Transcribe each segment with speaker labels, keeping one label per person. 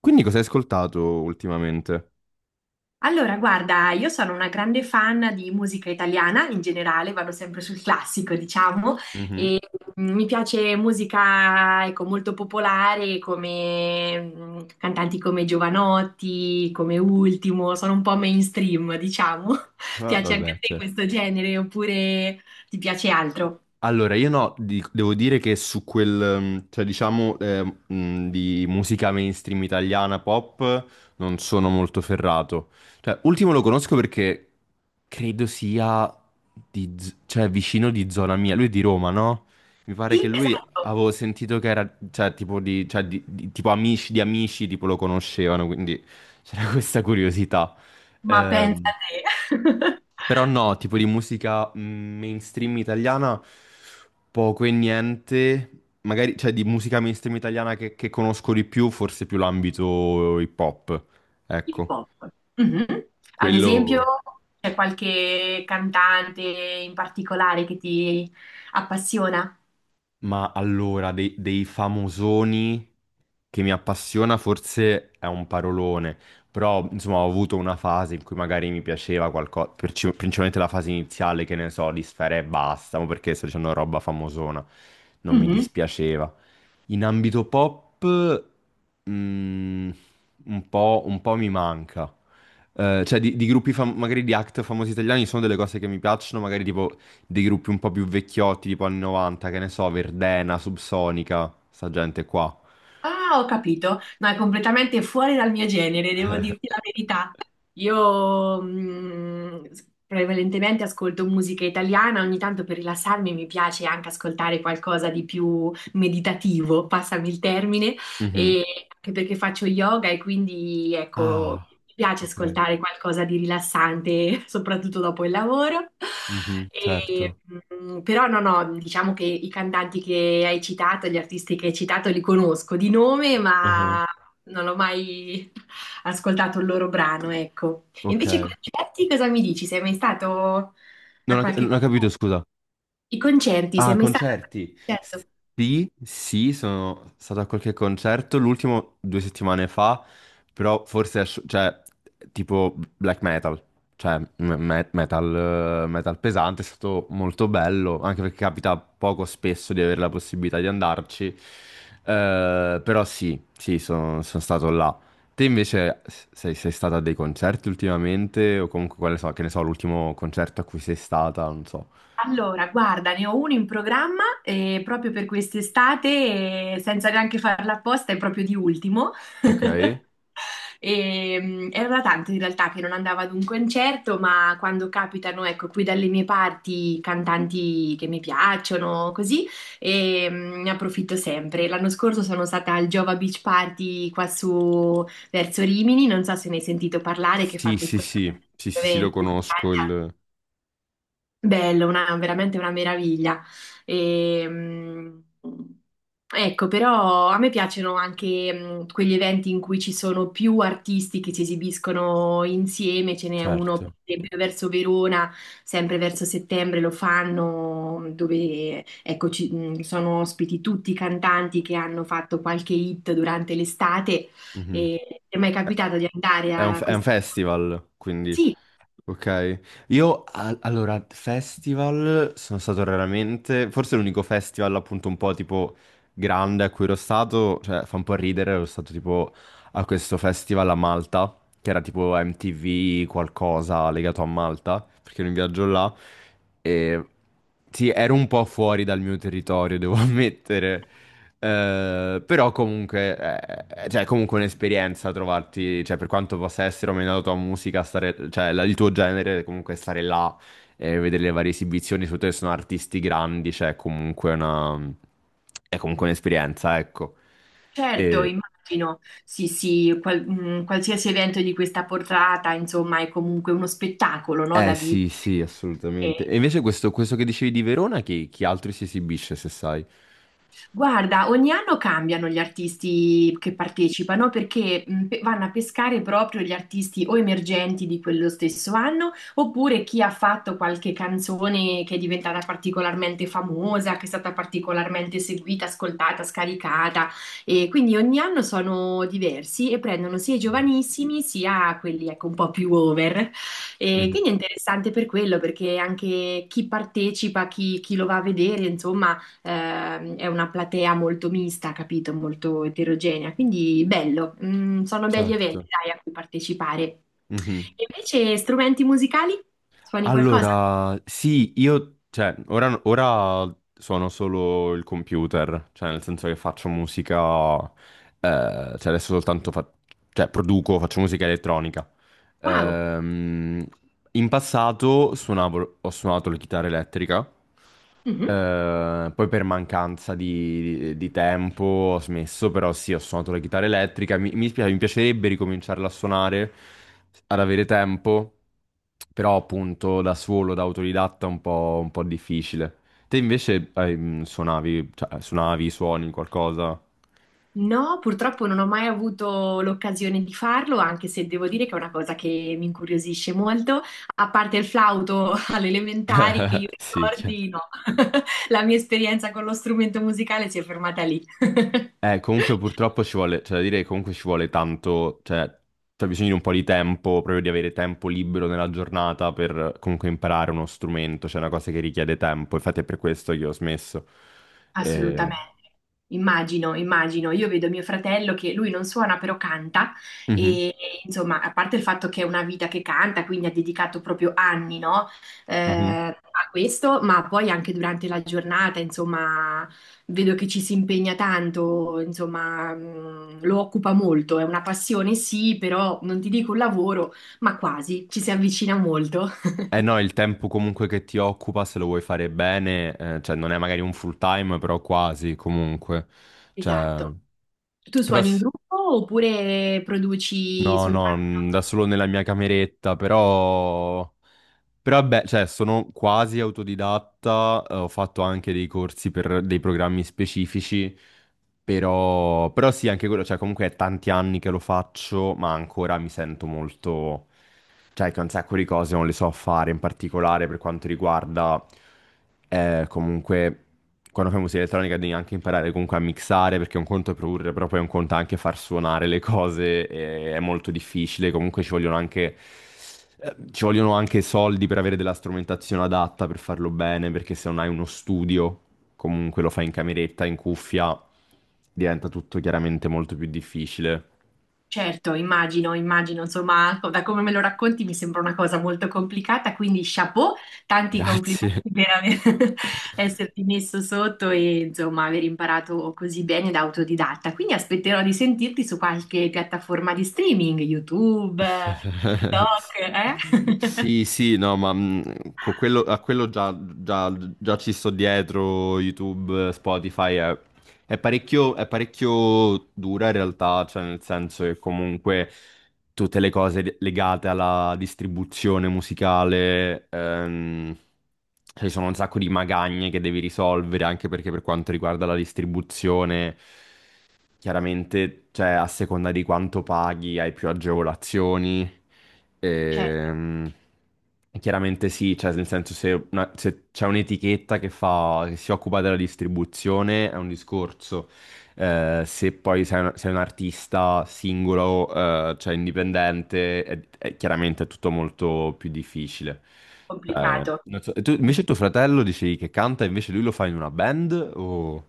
Speaker 1: Quindi cosa hai ascoltato ultimamente?
Speaker 2: Allora, guarda, io sono una grande fan di musica italiana in generale, vado sempre sul classico, diciamo,
Speaker 1: Mhm.
Speaker 2: e mi piace musica, ecco, molto popolare come cantanti come Giovanotti, come Ultimo, sono un po' mainstream, diciamo.
Speaker 1: Ah,
Speaker 2: Piace anche
Speaker 1: vabbè,
Speaker 2: a te
Speaker 1: certo.
Speaker 2: questo genere oppure ti piace altro?
Speaker 1: Allora, io no, devo dire che su quel, di musica mainstream italiana pop non sono molto ferrato. Cioè, ultimo lo conosco perché credo sia di, cioè, vicino di zona mia. Lui è di Roma, no? Mi pare che
Speaker 2: Sì,
Speaker 1: lui
Speaker 2: esatto,
Speaker 1: avevo sentito che era, cioè, tipo di, cioè, tipo amici di amici, tipo lo conoscevano, quindi c'era questa curiosità.
Speaker 2: ma pensa
Speaker 1: Ehm,
Speaker 2: a te.
Speaker 1: Però no, tipo di musica mainstream italiana poco e niente. Magari, cioè, di musica mainstream italiana che conosco di più, forse più l'ambito hip hop.
Speaker 2: Hip
Speaker 1: Ecco,
Speaker 2: hop. Mhm. Ad esempio,
Speaker 1: quello...
Speaker 2: c'è qualche cantante in particolare che ti appassiona?
Speaker 1: Ma allora, dei famosoni che mi appassiona forse è un parolone. Però, insomma, ho avuto una fase in cui magari mi piaceva qualcosa, principalmente la fase iniziale, che ne so, di Sfera e basta, ma perché sto dicendo roba famosona, non mi
Speaker 2: Mhm.
Speaker 1: dispiaceva. In ambito pop, mm, un po' mi manca. Cioè, di gruppi, magari di act famosi italiani, sono delle cose che mi piacciono, magari tipo dei gruppi un po' più vecchiotti, tipo anni 90, che ne so, Verdena, Subsonica, sta gente qua.
Speaker 2: Ah, ho capito. No, è completamente fuori dal mio genere, devo dirti la verità. Io prevalentemente ascolto musica italiana, ogni tanto per rilassarmi mi piace anche ascoltare qualcosa di più meditativo, passami il termine,
Speaker 1: Mhm.
Speaker 2: e anche perché faccio yoga e quindi ecco,
Speaker 1: Ah,
Speaker 2: mi piace
Speaker 1: ok.
Speaker 2: ascoltare qualcosa di rilassante, soprattutto dopo il lavoro.
Speaker 1: Mhm,
Speaker 2: E,
Speaker 1: certo.
Speaker 2: Però no, no, diciamo che i cantanti che hai citato, gli artisti che hai citato, li conosco di nome,
Speaker 1: Ah,
Speaker 2: ma non ho mai ascoltato il loro brano, ecco. E
Speaker 1: ok.
Speaker 2: invece i concerti, cosa mi dici? Sei mai stato a
Speaker 1: Non
Speaker 2: qualche...
Speaker 1: ho capito, scusa.
Speaker 2: I concerti,
Speaker 1: Ah,
Speaker 2: sei mai stato a qualche
Speaker 1: concerti.
Speaker 2: concerto?
Speaker 1: Sì, sì, sono stato a qualche concerto, l'ultimo due settimane fa, però forse, cioè, tipo black metal, cioè m- metal, metal pesante, è stato molto bello, anche perché capita poco spesso di avere la possibilità di andarci. Però sì, sì, sono stato là. Te invece sei stata a dei concerti ultimamente, o comunque, quale so, che ne so, l'ultimo concerto a cui sei stata, non so.
Speaker 2: Allora, guarda, ne ho uno in programma proprio per quest'estate, senza neanche farla apposta, è proprio di ultimo.
Speaker 1: Ok.
Speaker 2: Era da tanto in realtà che non andavo ad un concerto, ma quando capitano, ecco, qui dalle mie parti cantanti che mi piacciono, così, ne approfitto sempre. L'anno scorso sono stata al Giova Beach Party qua su verso Rimini, non so se ne hai sentito parlare, che
Speaker 1: Sì,
Speaker 2: fa
Speaker 1: sì,
Speaker 2: questo
Speaker 1: sì, sì, sì, sì, lo
Speaker 2: evento. In
Speaker 1: conosco,
Speaker 2: Spagna.
Speaker 1: il...
Speaker 2: Bello, una, veramente una meraviglia. E, mh, ecco, però a me piacciono anche quegli eventi in cui ci sono più artisti che si esibiscono insieme, ce n'è uno per
Speaker 1: certo.
Speaker 2: esempio verso Verona, sempre verso settembre lo fanno, dove ecco, sono ospiti tutti i cantanti che hanno fatto qualche hit durante l'estate.
Speaker 1: Mhm.
Speaker 2: E ti è mai
Speaker 1: È
Speaker 2: capitato di andare a
Speaker 1: è un
Speaker 2: questo?
Speaker 1: festival, quindi,
Speaker 2: Sì.
Speaker 1: ok. Io, allora, festival sono stato raramente, forse l'unico festival appunto un po' tipo grande a cui ero stato, cioè fa un po' ridere, ero stato tipo a questo festival a Malta, che era tipo MTV qualcosa legato a Malta, perché ero in viaggio là, e sì, ero un po' fuori dal mio territorio, devo ammettere. Però comunque, cioè, è comunque un'esperienza trovarti, cioè, per quanto possa essere o meno la tua musica, stare, cioè, il tuo genere, comunque stare là e vedere le varie esibizioni, soprattutto se sono artisti grandi, è comunque un'esperienza, ecco.
Speaker 2: Certo,
Speaker 1: E-
Speaker 2: immagino, sì, sì, qualsiasi evento di questa portata, insomma, è comunque uno spettacolo, no,
Speaker 1: eh
Speaker 2: da vivere.
Speaker 1: sì, sì, assolutamente. E invece questo che dicevi di Verona, chi, chi altro si esibisce, se sai?
Speaker 2: Guarda, ogni anno cambiano gli artisti che partecipano perché vanno a pescare proprio gli artisti o emergenti di quello stesso anno, oppure chi ha fatto qualche canzone che è diventata particolarmente famosa, che è stata particolarmente seguita, ascoltata, scaricata. E quindi ogni anno sono diversi e prendono sia i giovanissimi sia quelli ecco, un po' più over. E
Speaker 1: Mhm,
Speaker 2: quindi è interessante per quello, perché anche chi partecipa, chi, chi lo va a vedere, insomma. È una platea molto mista, capito? Molto eterogenea, quindi bello. Mm, sono belli eventi,
Speaker 1: certo.
Speaker 2: dai, a cui partecipare.
Speaker 1: Mhm.
Speaker 2: E invece strumenti musicali? Suoni qualcosa?
Speaker 1: Allora, sì, io, cioè, ora suono solo il computer, cioè nel senso che faccio musica, eh, cioè adesso soltanto fa- cioè, produco, faccio musica elettronica.
Speaker 2: Wow!
Speaker 1: Ehm, In passato suonavo, ho suonato la chitarra elettrica,
Speaker 2: Mhm.
Speaker 1: poi per mancanza di tempo ho smesso, però sì, ho suonato la chitarra elettrica. Mi piacerebbe ricominciarla a suonare, ad avere tempo, però appunto da solo, da autodidatta, è un po' difficile. Te invece suonavi, suoni qualcosa?
Speaker 2: No, purtroppo non ho mai avuto l'occasione di farlo, anche se devo dire che è una cosa che mi incuriosisce molto, a parte il flauto alle elementari che io
Speaker 1: Sì, chiaro.
Speaker 2: ricordi, no, la mia esperienza con lo strumento musicale si è fermata lì.
Speaker 1: Comunque purtroppo ci vuole, cioè da dire che comunque ci vuole tanto, cioè c'è bisogno di un po' di tempo, proprio di avere tempo libero nella giornata per comunque imparare uno strumento, cioè è una cosa che richiede tempo, infatti è per questo che ho smesso. Eh,
Speaker 2: Assolutamente. Immagino, immagino. Io vedo mio fratello che lui non suona però canta
Speaker 1: mhm,
Speaker 2: e e, insomma, a parte il fatto che è una vita che canta, quindi ha dedicato proprio anni, no,
Speaker 1: mhm.
Speaker 2: a questo, ma poi anche durante la giornata, insomma, vedo che ci si impegna tanto, insomma, lo occupa molto. È una passione, sì, però non ti dico un lavoro, ma quasi, ci si avvicina molto.
Speaker 1: Eh no, il tempo comunque che ti occupa, se lo vuoi fare bene, cioè non è magari un full time, però quasi comunque. Cioè,
Speaker 2: Esatto. Tu
Speaker 1: però
Speaker 2: suoni in
Speaker 1: sì,
Speaker 2: gruppo oppure produci
Speaker 1: no, no,
Speaker 2: soltanto?
Speaker 1: da solo nella mia cameretta, però... Però vabbè, cioè, sono quasi autodidatta, ho fatto anche dei corsi per dei programmi specifici però, però sì, anche quello, cioè comunque è tanti anni che lo faccio, ma ancora mi sento molto... Cioè che un sacco di cose non le so fare, in particolare per quanto riguarda comunque quando fai musica elettronica devi anche imparare comunque a mixare, perché un conto è produrre, però poi un conto è anche far suonare le cose, e è molto difficile, comunque ci vogliono anche... ci vogliono anche soldi per avere della strumentazione adatta per farlo bene, perché se non hai uno studio comunque lo fai in cameretta, in cuffia, diventa tutto chiaramente molto più difficile.
Speaker 2: Certo, immagino, immagino, insomma, da come me lo racconti mi sembra una cosa molto complicata, quindi chapeau, tanti complimenti
Speaker 1: Grazie.
Speaker 2: per aver, esserti messo sotto e insomma aver imparato così bene da autodidatta. Quindi aspetterò di sentirti su qualche piattaforma di streaming, YouTube, TikTok, eh?
Speaker 1: Sì, sì, no, ma a quello già, già ci sto dietro, YouTube, Spotify, è parecchio dura in realtà, cioè nel senso che comunque tutte le cose legate alla distribuzione musicale, ci sono un sacco di magagne che devi risolvere, anche perché per quanto riguarda la distribuzione... Chiaramente, cioè, a seconda di quanto paghi, hai più agevolazioni.
Speaker 2: Certo,
Speaker 1: Ehm, chiaramente sì, cioè, nel senso se, se c'è un'etichetta che fa, che si occupa della distribuzione è un discorso. Se poi sei un artista singolo, cioè indipendente, chiaramente è tutto molto più difficile. Cioè,
Speaker 2: complicato.
Speaker 1: non so- e tu- invece tuo fratello dicevi che canta, invece lui lo fa in una band o...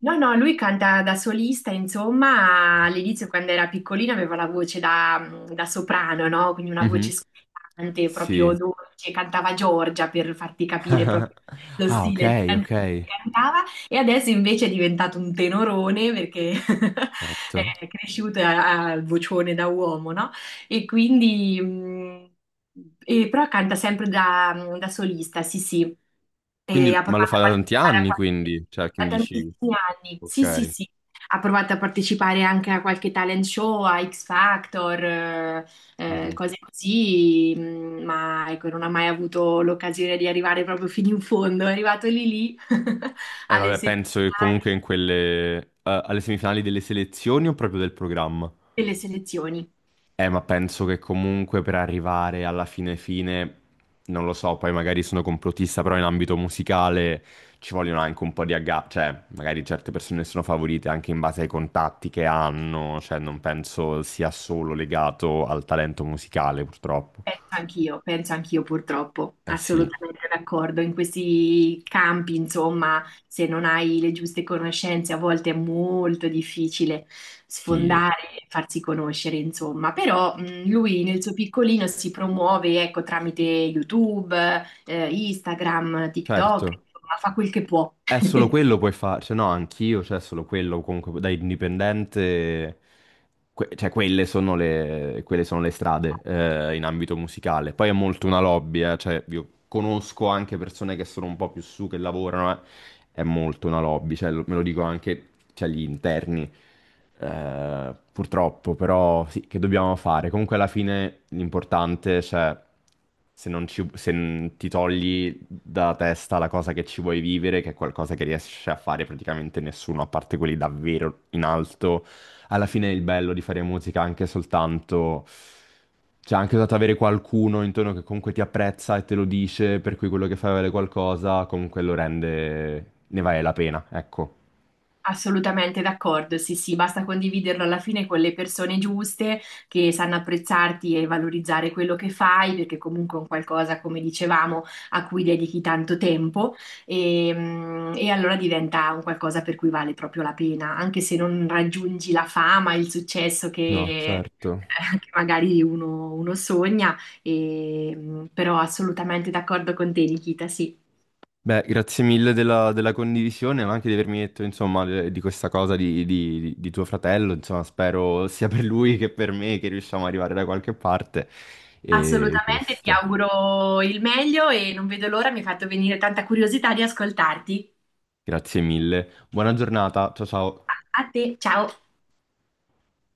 Speaker 2: No, no, lui canta da solista, insomma, all'inizio quando era piccolino aveva la voce da, da soprano, no? Quindi una voce
Speaker 1: Mhm.
Speaker 2: scottante, proprio
Speaker 1: Sì.
Speaker 2: dolce, cantava Giorgia per farti capire proprio lo
Speaker 1: Ah,
Speaker 2: stile di
Speaker 1: ok,
Speaker 2: canzone che cantava, e adesso invece è diventato un tenorone perché
Speaker 1: certo.
Speaker 2: è cresciuto al vocione da uomo, no? E quindi... e però canta sempre da, da solista, sì, sì, e
Speaker 1: Quindi,
Speaker 2: ha
Speaker 1: ma lo
Speaker 2: provato
Speaker 1: fa
Speaker 2: a
Speaker 1: da tanti
Speaker 2: partecipare
Speaker 1: anni, quindi, cioè, che
Speaker 2: da
Speaker 1: mi dici,
Speaker 2: tantissimi anni. Sì, sì,
Speaker 1: ok.
Speaker 2: sì. Ha provato a partecipare anche a qualche talent show, a X Factor,
Speaker 1: Mhm.
Speaker 2: cose così, ma ecco, non ha mai avuto l'occasione di arrivare proprio fino in fondo. È arrivato lì lì
Speaker 1: E
Speaker 2: alle
Speaker 1: vabbè, penso che
Speaker 2: semifinali
Speaker 1: comunque in quelle, alle semifinali delle selezioni o proprio del programma?
Speaker 2: delle selezioni.
Speaker 1: Ma penso che comunque per arrivare alla fine fine, non lo so, poi magari sono complottista, però in ambito musicale ci vogliono anche un po' di agga, cioè magari certe persone sono favorite anche in base ai contatti che hanno, cioè non penso sia solo legato al talento musicale, purtroppo.
Speaker 2: Penso anch'io purtroppo,
Speaker 1: Eh sì,
Speaker 2: assolutamente d'accordo. In questi campi, insomma, se non hai le giuste conoscenze, a volte è molto difficile
Speaker 1: sì,
Speaker 2: sfondare e farsi conoscere, insomma. Però lui nel suo piccolino si promuove, ecco, tramite YouTube, Instagram, TikTok,
Speaker 1: certo.
Speaker 2: insomma, fa quel che può.
Speaker 1: È solo quello puoi fare, cioè no, anch'io, cioè solo quello comunque da indipendente, cioè quelle sono quelle sono le strade in ambito musicale. Poi è molto una lobby, cioè io conosco anche persone che sono un po' più su, che lavorano, è molto una lobby, cioè, me lo dico anche cioè, gli interni, purtroppo, però sì, che dobbiamo fare? Comunque alla fine l'importante, cioè, se non ci- se n- ti togli da testa la cosa che ci vuoi vivere, che è qualcosa che riesce a fare praticamente nessuno, a parte quelli davvero in alto, alla fine è il bello di fare musica anche soltanto... Cioè, anche soltanto avere qualcuno intorno che comunque ti apprezza e te lo dice, per cui quello che fai vale qualcosa, comunque lo rende... ne vale la pena, ecco.
Speaker 2: Assolutamente d'accordo, sì, sì, basta condividerlo alla fine con le persone giuste che sanno apprezzarti e valorizzare quello che fai, perché comunque è un qualcosa, come dicevamo, a cui dedichi tanto tempo e allora diventa un qualcosa per cui vale proprio la pena, anche se non raggiungi la fama, il successo
Speaker 1: No,
Speaker 2: che,
Speaker 1: certo.
Speaker 2: che magari uno, uno sogna, però assolutamente d'accordo con te, Nikita, sì.
Speaker 1: Beh, grazie mille della condivisione, ma anche di avermi detto, insomma, di questa cosa di, di tuo fratello. Insomma, spero sia per lui che per me che riusciamo ad arrivare da qualche parte. E
Speaker 2: Assolutamente, ti
Speaker 1: questo.
Speaker 2: auguro il meglio e non vedo l'ora, mi hai fatto venire tanta curiosità di ascoltarti.
Speaker 1: Grazie mille. Buona giornata. Ciao ciao.
Speaker 2: A a te, ciao.